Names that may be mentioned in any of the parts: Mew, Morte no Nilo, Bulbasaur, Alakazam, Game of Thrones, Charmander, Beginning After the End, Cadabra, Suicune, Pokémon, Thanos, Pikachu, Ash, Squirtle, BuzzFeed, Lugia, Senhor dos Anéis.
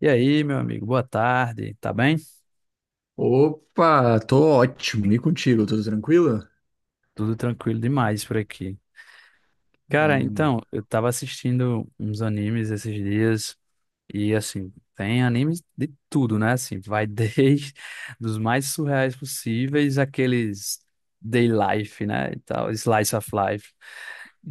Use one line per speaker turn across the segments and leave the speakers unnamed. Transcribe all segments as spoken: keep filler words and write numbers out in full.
E aí, meu amigo, boa tarde, tá bem?
Opa, tô ótimo. E contigo, tudo tranquilo?
Tudo tranquilo demais por aqui. Cara,
Bom.
então, eu tava assistindo uns animes esses dias e assim, tem animes de tudo, né? Assim, vai desde dos mais surreais possíveis, aqueles day life, né? E tal, slice of life.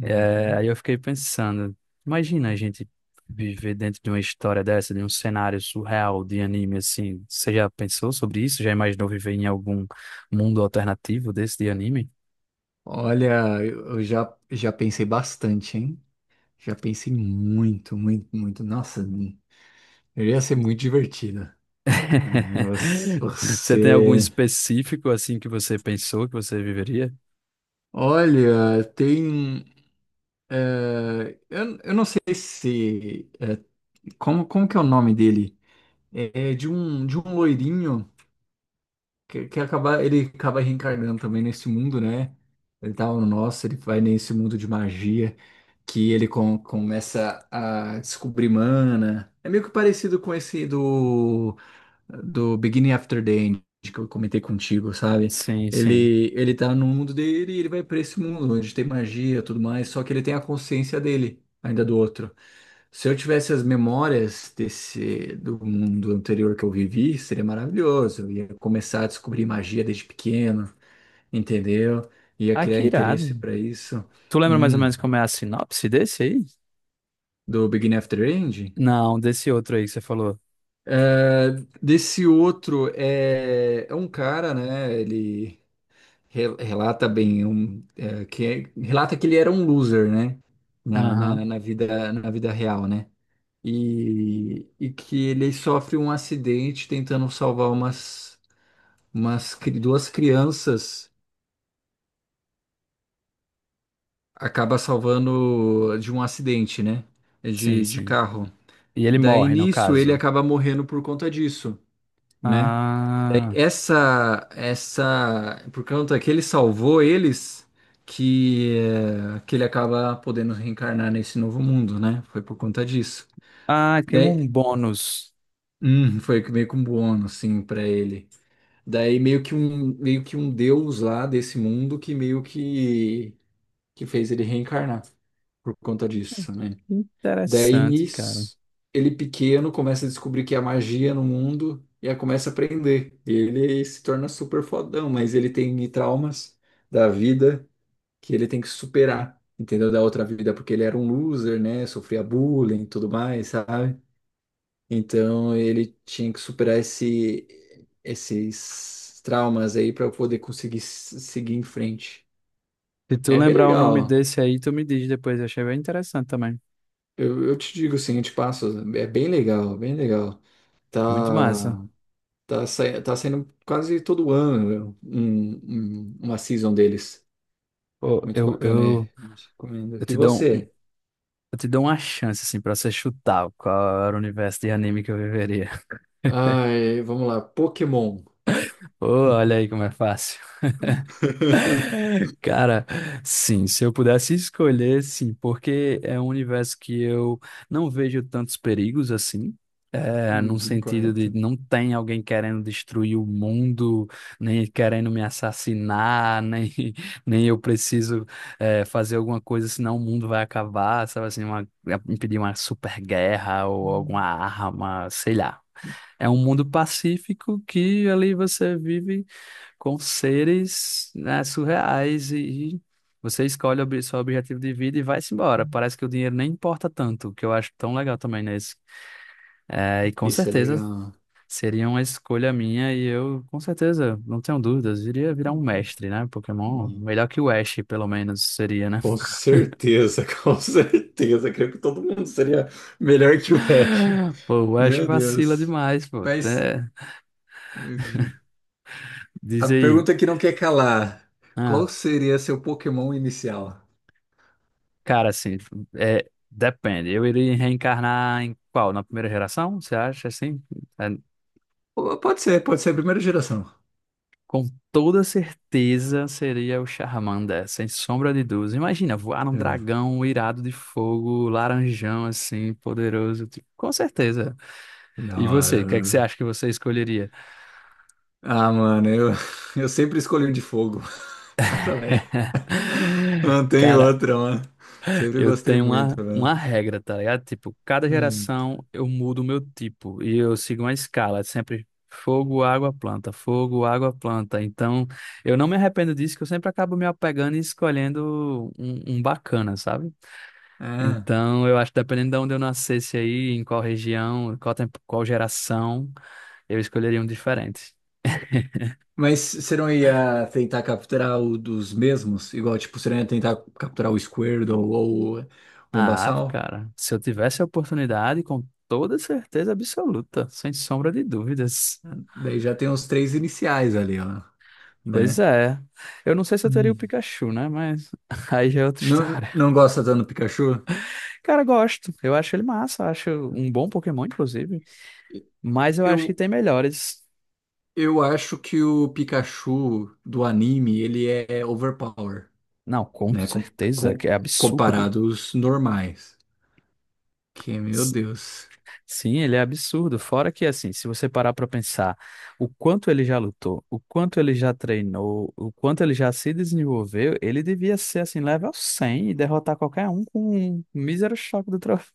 É, aí eu fiquei pensando, imagina a gente viver dentro de uma história dessa, de um cenário surreal de anime assim. Você já pensou sobre isso? Já imaginou viver em algum mundo alternativo desse de anime?
Olha, eu eu já, já pensei bastante, hein? Já pensei muito, muito, muito. Nossa, eu ia ser muito divertido. É, você,
Você tem algum
você-
específico assim que você pensou que você viveria?
Olha, tem. é, eu, eu não sei se. Como, como que é o nome dele? É de um, de um loirinho. que, que acaba, ele acaba reencarnando também nesse mundo, né? Ele tá no nosso, ele vai nesse mundo de magia que ele com- começa a descobrir mana. É meio que parecido com esse do do Beginning After the End, que eu comentei contigo, sabe?
Sim, sim.
Ele, ele tá no mundo dele e ele vai pra esse mundo onde tem magia e tudo mais, só que ele tem a consciência dele, ainda do outro. Se eu tivesse as memórias desse do mundo anterior que eu vivi, seria maravilhoso. Eu ia começar a descobrir magia desde pequeno, entendeu? Ia
Ah,
criar
que irado.
interesse para isso.
Tu lembra mais ou
Hum,
menos como é a sinopse desse aí?
do Beginning After End.
Não, desse outro aí que você falou.
É, Desse outro é, é um cara, né? Ele Re- relata bem, um, é, que é, relata que ele era um loser, né? Na, na,
Aham,
na vida, na vida real, né? E, e que ele sofre um acidente tentando salvar umas, umas cri- duas crianças, acaba salvando de um acidente, né?
sim,
De, de
sim.
carro.
E ele
Daí
morre, no
nisso ele
caso.
acaba morrendo por conta disso, né?
Ah,
Essa, essa, por conta que ele salvou eles, que, eh, que ele acaba podendo reencarnar nesse novo mundo, né? Foi por conta disso.
ah, tem
Daí,
um bônus.
hum, foi que meio que um bônus, assim, para ele. Daí meio que um, meio que um deus lá desse mundo que meio que, que fez ele reencarnar por conta disso, né?
Que
Daí
interessante, cara.
nisso, ele pequeno começa a descobrir que há magia no mundo e aí começa a aprender. E ele se torna super fodão, mas ele tem traumas da vida que ele tem que superar, entendeu? Da outra vida, porque ele era um loser, né? Sofria bullying e tudo mais, sabe? Então ele tinha que superar esse, esses traumas aí para poder conseguir s- seguir em frente.
Se tu
É bem
lembrar o nome
legal.
desse aí, tu me diz depois. Eu achei bem interessante também.
Eu, eu te digo assim, eu te passo. É bem legal, bem legal.
Muito massa.
Tá. Tá, sai- tá saindo quase todo ano um, um- uma season deles.
Pô,
Muito
eu,
bacana,
eu,
é. Recomendo.
eu
E
te dou
você?
Eu te dou uma chance, assim, pra você chutar qual era o universo de anime que eu viveria.
Ai, vamos lá, Pokémon.
Ô, olha aí como é fácil. Cara, sim, se eu pudesse escolher, sim, porque é um universo que eu não vejo tantos perigos assim. É, num
Uhum,
sentido de
correto.
não tem alguém querendo destruir o mundo, nem querendo me assassinar, nem, nem eu preciso é, fazer alguma coisa, senão o mundo vai acabar, sabe assim, uma, é, impedir uma super guerra ou alguma arma, sei lá. É um mundo pacífico que ali você vive com seres, né, surreais e, e você escolhe o obje- seu objetivo de vida e vai-se embora. Parece que o dinheiro nem importa tanto, o que eu acho tão legal também nesse. É, e com
Isso é
certeza
legal.
seria uma escolha minha e eu, com certeza, não tenho dúvidas, iria virar um mestre, né? Pokémon,
Hum.
melhor que o Ash, pelo menos, seria, né?
Com certeza, com certeza. Creio que todo mundo seria melhor que o Ash.
Pô, o Ash
Meu
vacila
Deus.
demais, pô.
Mas
Até...
eu digo, a
Diz aí.
pergunta que não quer calar:
Ah,
qual seria seu Pokémon inicial?
cara, assim, é, depende. Eu iria reencarnar em qual? Na primeira geração? Você acha assim? É.
Pode ser, pode ser a primeira geração.
Com toda certeza seria o Charmander, sem sombra de dúvidas. Imagina, voar um
É.
dragão irado de fogo, laranjão assim, poderoso. Tipo, com certeza.
Da
E você, o
hora,
que é que você
mano.
acha que você escolheria?
Ah, mano, eu, eu sempre escolhi um de fogo. Eu também. Não tem
Cara,
outra, mano. Sempre
eu
gostei
tenho
muito,
uma,
mano.
uma regra, tá ligado? Tipo, cada
Hum.
geração eu mudo o meu tipo e eu sigo uma escala, é sempre fogo, água, planta, fogo, água, planta. Então, eu não me arrependo disso, que eu sempre acabo me apegando e escolhendo um, um bacana, sabe?
Ah.
Então, eu acho que dependendo de onde eu nascesse aí, em qual região, qual tempo, qual geração, eu escolheria um diferente.
Mas você não ia tentar capturar o dos mesmos? Igual, tipo, você não ia tentar capturar o Squirtle ou o
Ah,
Bulbasaur?
cara, se eu tivesse a oportunidade, com toda certeza absoluta, sem sombra de dúvidas.
Daí já tem os três iniciais ali, ó,
Pois
né?
é. Eu não sei se eu teria o
Hum.
Pikachu, né? Mas aí já é outra
Não,
história.
não gosta tanto do Pikachu?
Cara, gosto. Eu acho ele massa. Eu acho um bom Pokémon, inclusive. Mas eu
Eu,
acho que tem melhores.
eu acho que o Pikachu do anime, ele é overpower.
Não, com
Né? Com,
certeza,
com,
que é absurdo.
comparado aos normais. Que, meu Deus,
Sim, ele é absurdo. Fora que, assim, se você parar para pensar o quanto ele já lutou, o quanto ele já treinou, o quanto ele já se desenvolveu, ele devia ser, assim, level cem e derrotar qualquer um com um mísero choque do trovão.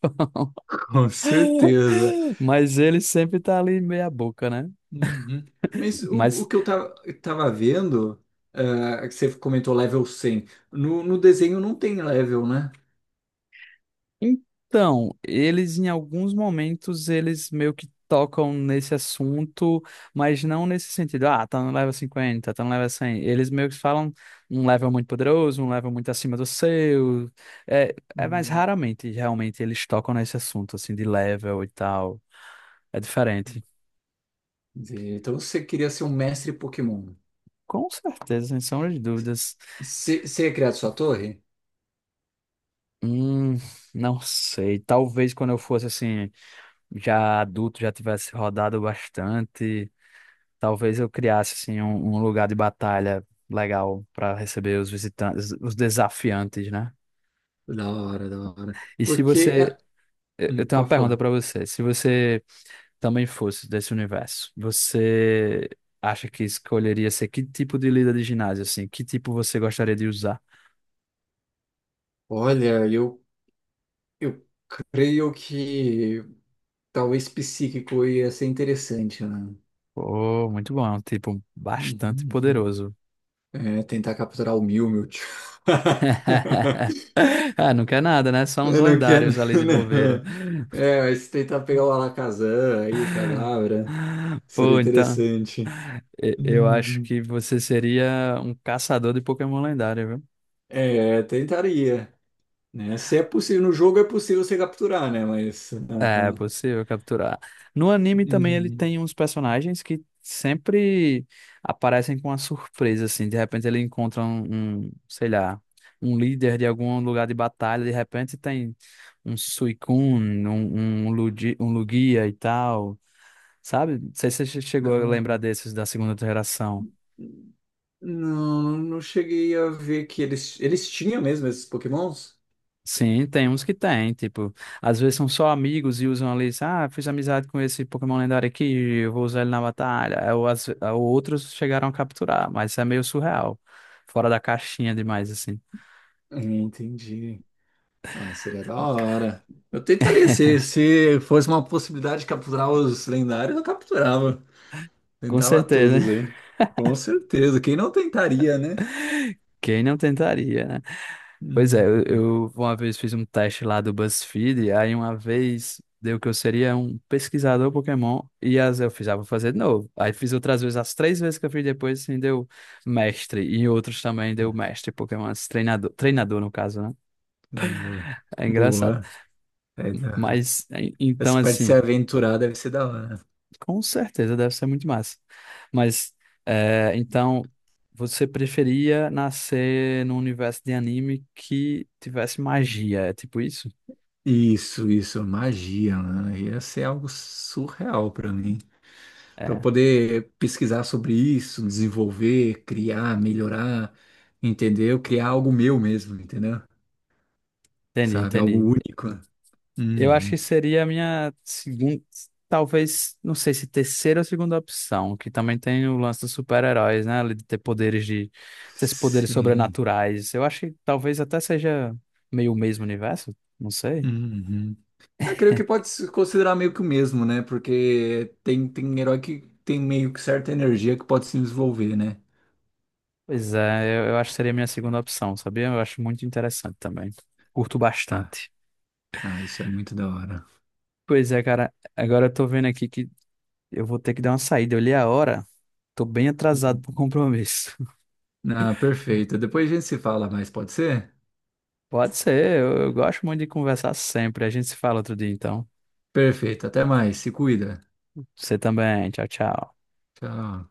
com certeza.
Mas ele sempre tá ali meia boca, né?
Uhum. Mas o, o
Mas,
que eu tava, tava vendo, ah, que você comentou level cem, no, no desenho não tem level, né?
então, eles em alguns momentos eles meio que tocam nesse assunto, mas não nesse sentido, ah, tá no level cinquenta, tá no level cem. Eles meio que falam um level muito poderoso, um level muito acima do seu. É, é mais
Hum.
raramente, realmente, eles tocam nesse assunto, assim, de level e tal. É diferente.
Entendi. Então você queria ser um mestre Pokémon.
Com certeza, sem sombra de dúvidas.
Você você ia criar sua torre?
Hum, não sei. Talvez quando eu fosse, assim, já adulto, já tivesse rodado bastante. Talvez eu criasse assim um, um lugar de batalha legal para receber os visitantes, os desafiantes, né?
Da hora, da hora.
E se
Porque,
você,
ah,
eu
hum,
eu tenho uma
pode
pergunta
falar.
para você. Se você também fosse desse universo, você acha que escolheria ser que tipo de líder de ginásio assim? Que tipo você gostaria de usar?
Olha, eu, eu creio que talvez psíquico ia ser interessante, né?
Oh, muito bom, é um tipo bastante
Uhum, uhum.
poderoso.
É, tentar capturar o Mew, meu tio.
Ah, não quer nada, né? Só uns
Eu não quero.
lendários ali de bobeira.
Não. É, mas se tentar pegar o Alakazam aí, o Cadabra, seria
Pô, então.
interessante.
E- Eu acho
Uhum.
que você seria um caçador de Pokémon lendário, viu?
É, tentaria, né? Se é possível, no jogo é possível você capturar, né? Mas.
É
Ah,
possível capturar. No anime também ele
uhum.
tem uns personagens que sempre aparecem com uma surpresa, assim. De repente ele encontra um, um, sei lá, um líder de algum lugar de batalha. De repente tem um Suicune, um, um, Ludi- um Lugia e tal, sabe? Não sei se você
Da
chegou a lembrar
hora.
desses da segunda geração.
Não, não cheguei a ver que eles, eles tinham mesmo esses Pokémons.
Sim, tem uns que tem, tipo, às vezes são só amigos e usam ali, ah, fiz amizade com esse Pokémon lendário aqui, eu vou usar ele na batalha. Ou, as- ou outros chegaram a capturar, mas isso é meio surreal, fora da caixinha demais, assim.
Hum. Entendi. Ah, seria da hora. Eu tentaria, se, se fosse uma possibilidade de capturar os lendários, eu capturava.
Com
Tentava
certeza,
todos aí. Com certeza. Quem não tentaria, né?
quem não tentaria, né? Pois é, eu,
Uhum.
eu uma vez fiz um teste lá do BuzzFeed, aí uma vez deu que eu seria um pesquisador Pokémon, e as eu fiz, ah, vou fazer de novo. Aí fiz outras vezes, as três vezes que eu fiz depois, assim, deu mestre, e em outros também deu mestre Pokémon, esse treinador, treinador no caso, né?
Treinador.
É engraçado.
Boa. É da-
Mas, en- então,
Essa parte de se
assim,
aventurar deve ser da hora.
com certeza deve ser muito massa. Mas, é, então, você preferia nascer num universo de anime que tivesse magia, é tipo isso?
Isso, isso. Magia, mano. Ia ser algo surreal pra mim. Pra eu
É.
poder pesquisar sobre isso, desenvolver, criar, melhorar, entendeu? Criar algo meu mesmo, entendeu?
Entendi,
Sabe? Algo
entendi.
único.
Eu acho que
Uhum.
seria a minha segunda, talvez, não sei se terceira ou segunda opção, que também tem o lance dos super-heróis, né? Ali de ter poderes de, esses poderes
Sim.
sobrenaturais. Eu acho que talvez até seja meio o mesmo universo, não sei.
Uhum. Eu creio que pode se considerar meio que o mesmo, né? Porque tem, tem herói que tem meio que certa energia que pode se desenvolver, né?
Pois é, eu, eu acho que seria a minha segunda opção, sabia? Eu acho muito interessante também. Curto
Ah,
bastante.
ah, isso é muito da hora.
Pois é, cara, agora eu tô vendo aqui que eu vou ter que dar uma saída. Eu li a hora, tô bem atrasado
Uhum.
pro compromisso.
Ah, perfeito. Depois a gente se fala mais, pode ser?
Pode ser, eu eu gosto muito de conversar sempre. A gente se fala outro dia, então.
Perfeito. Até mais. Se cuida.
Você também. Tchau, tchau.
Tchau.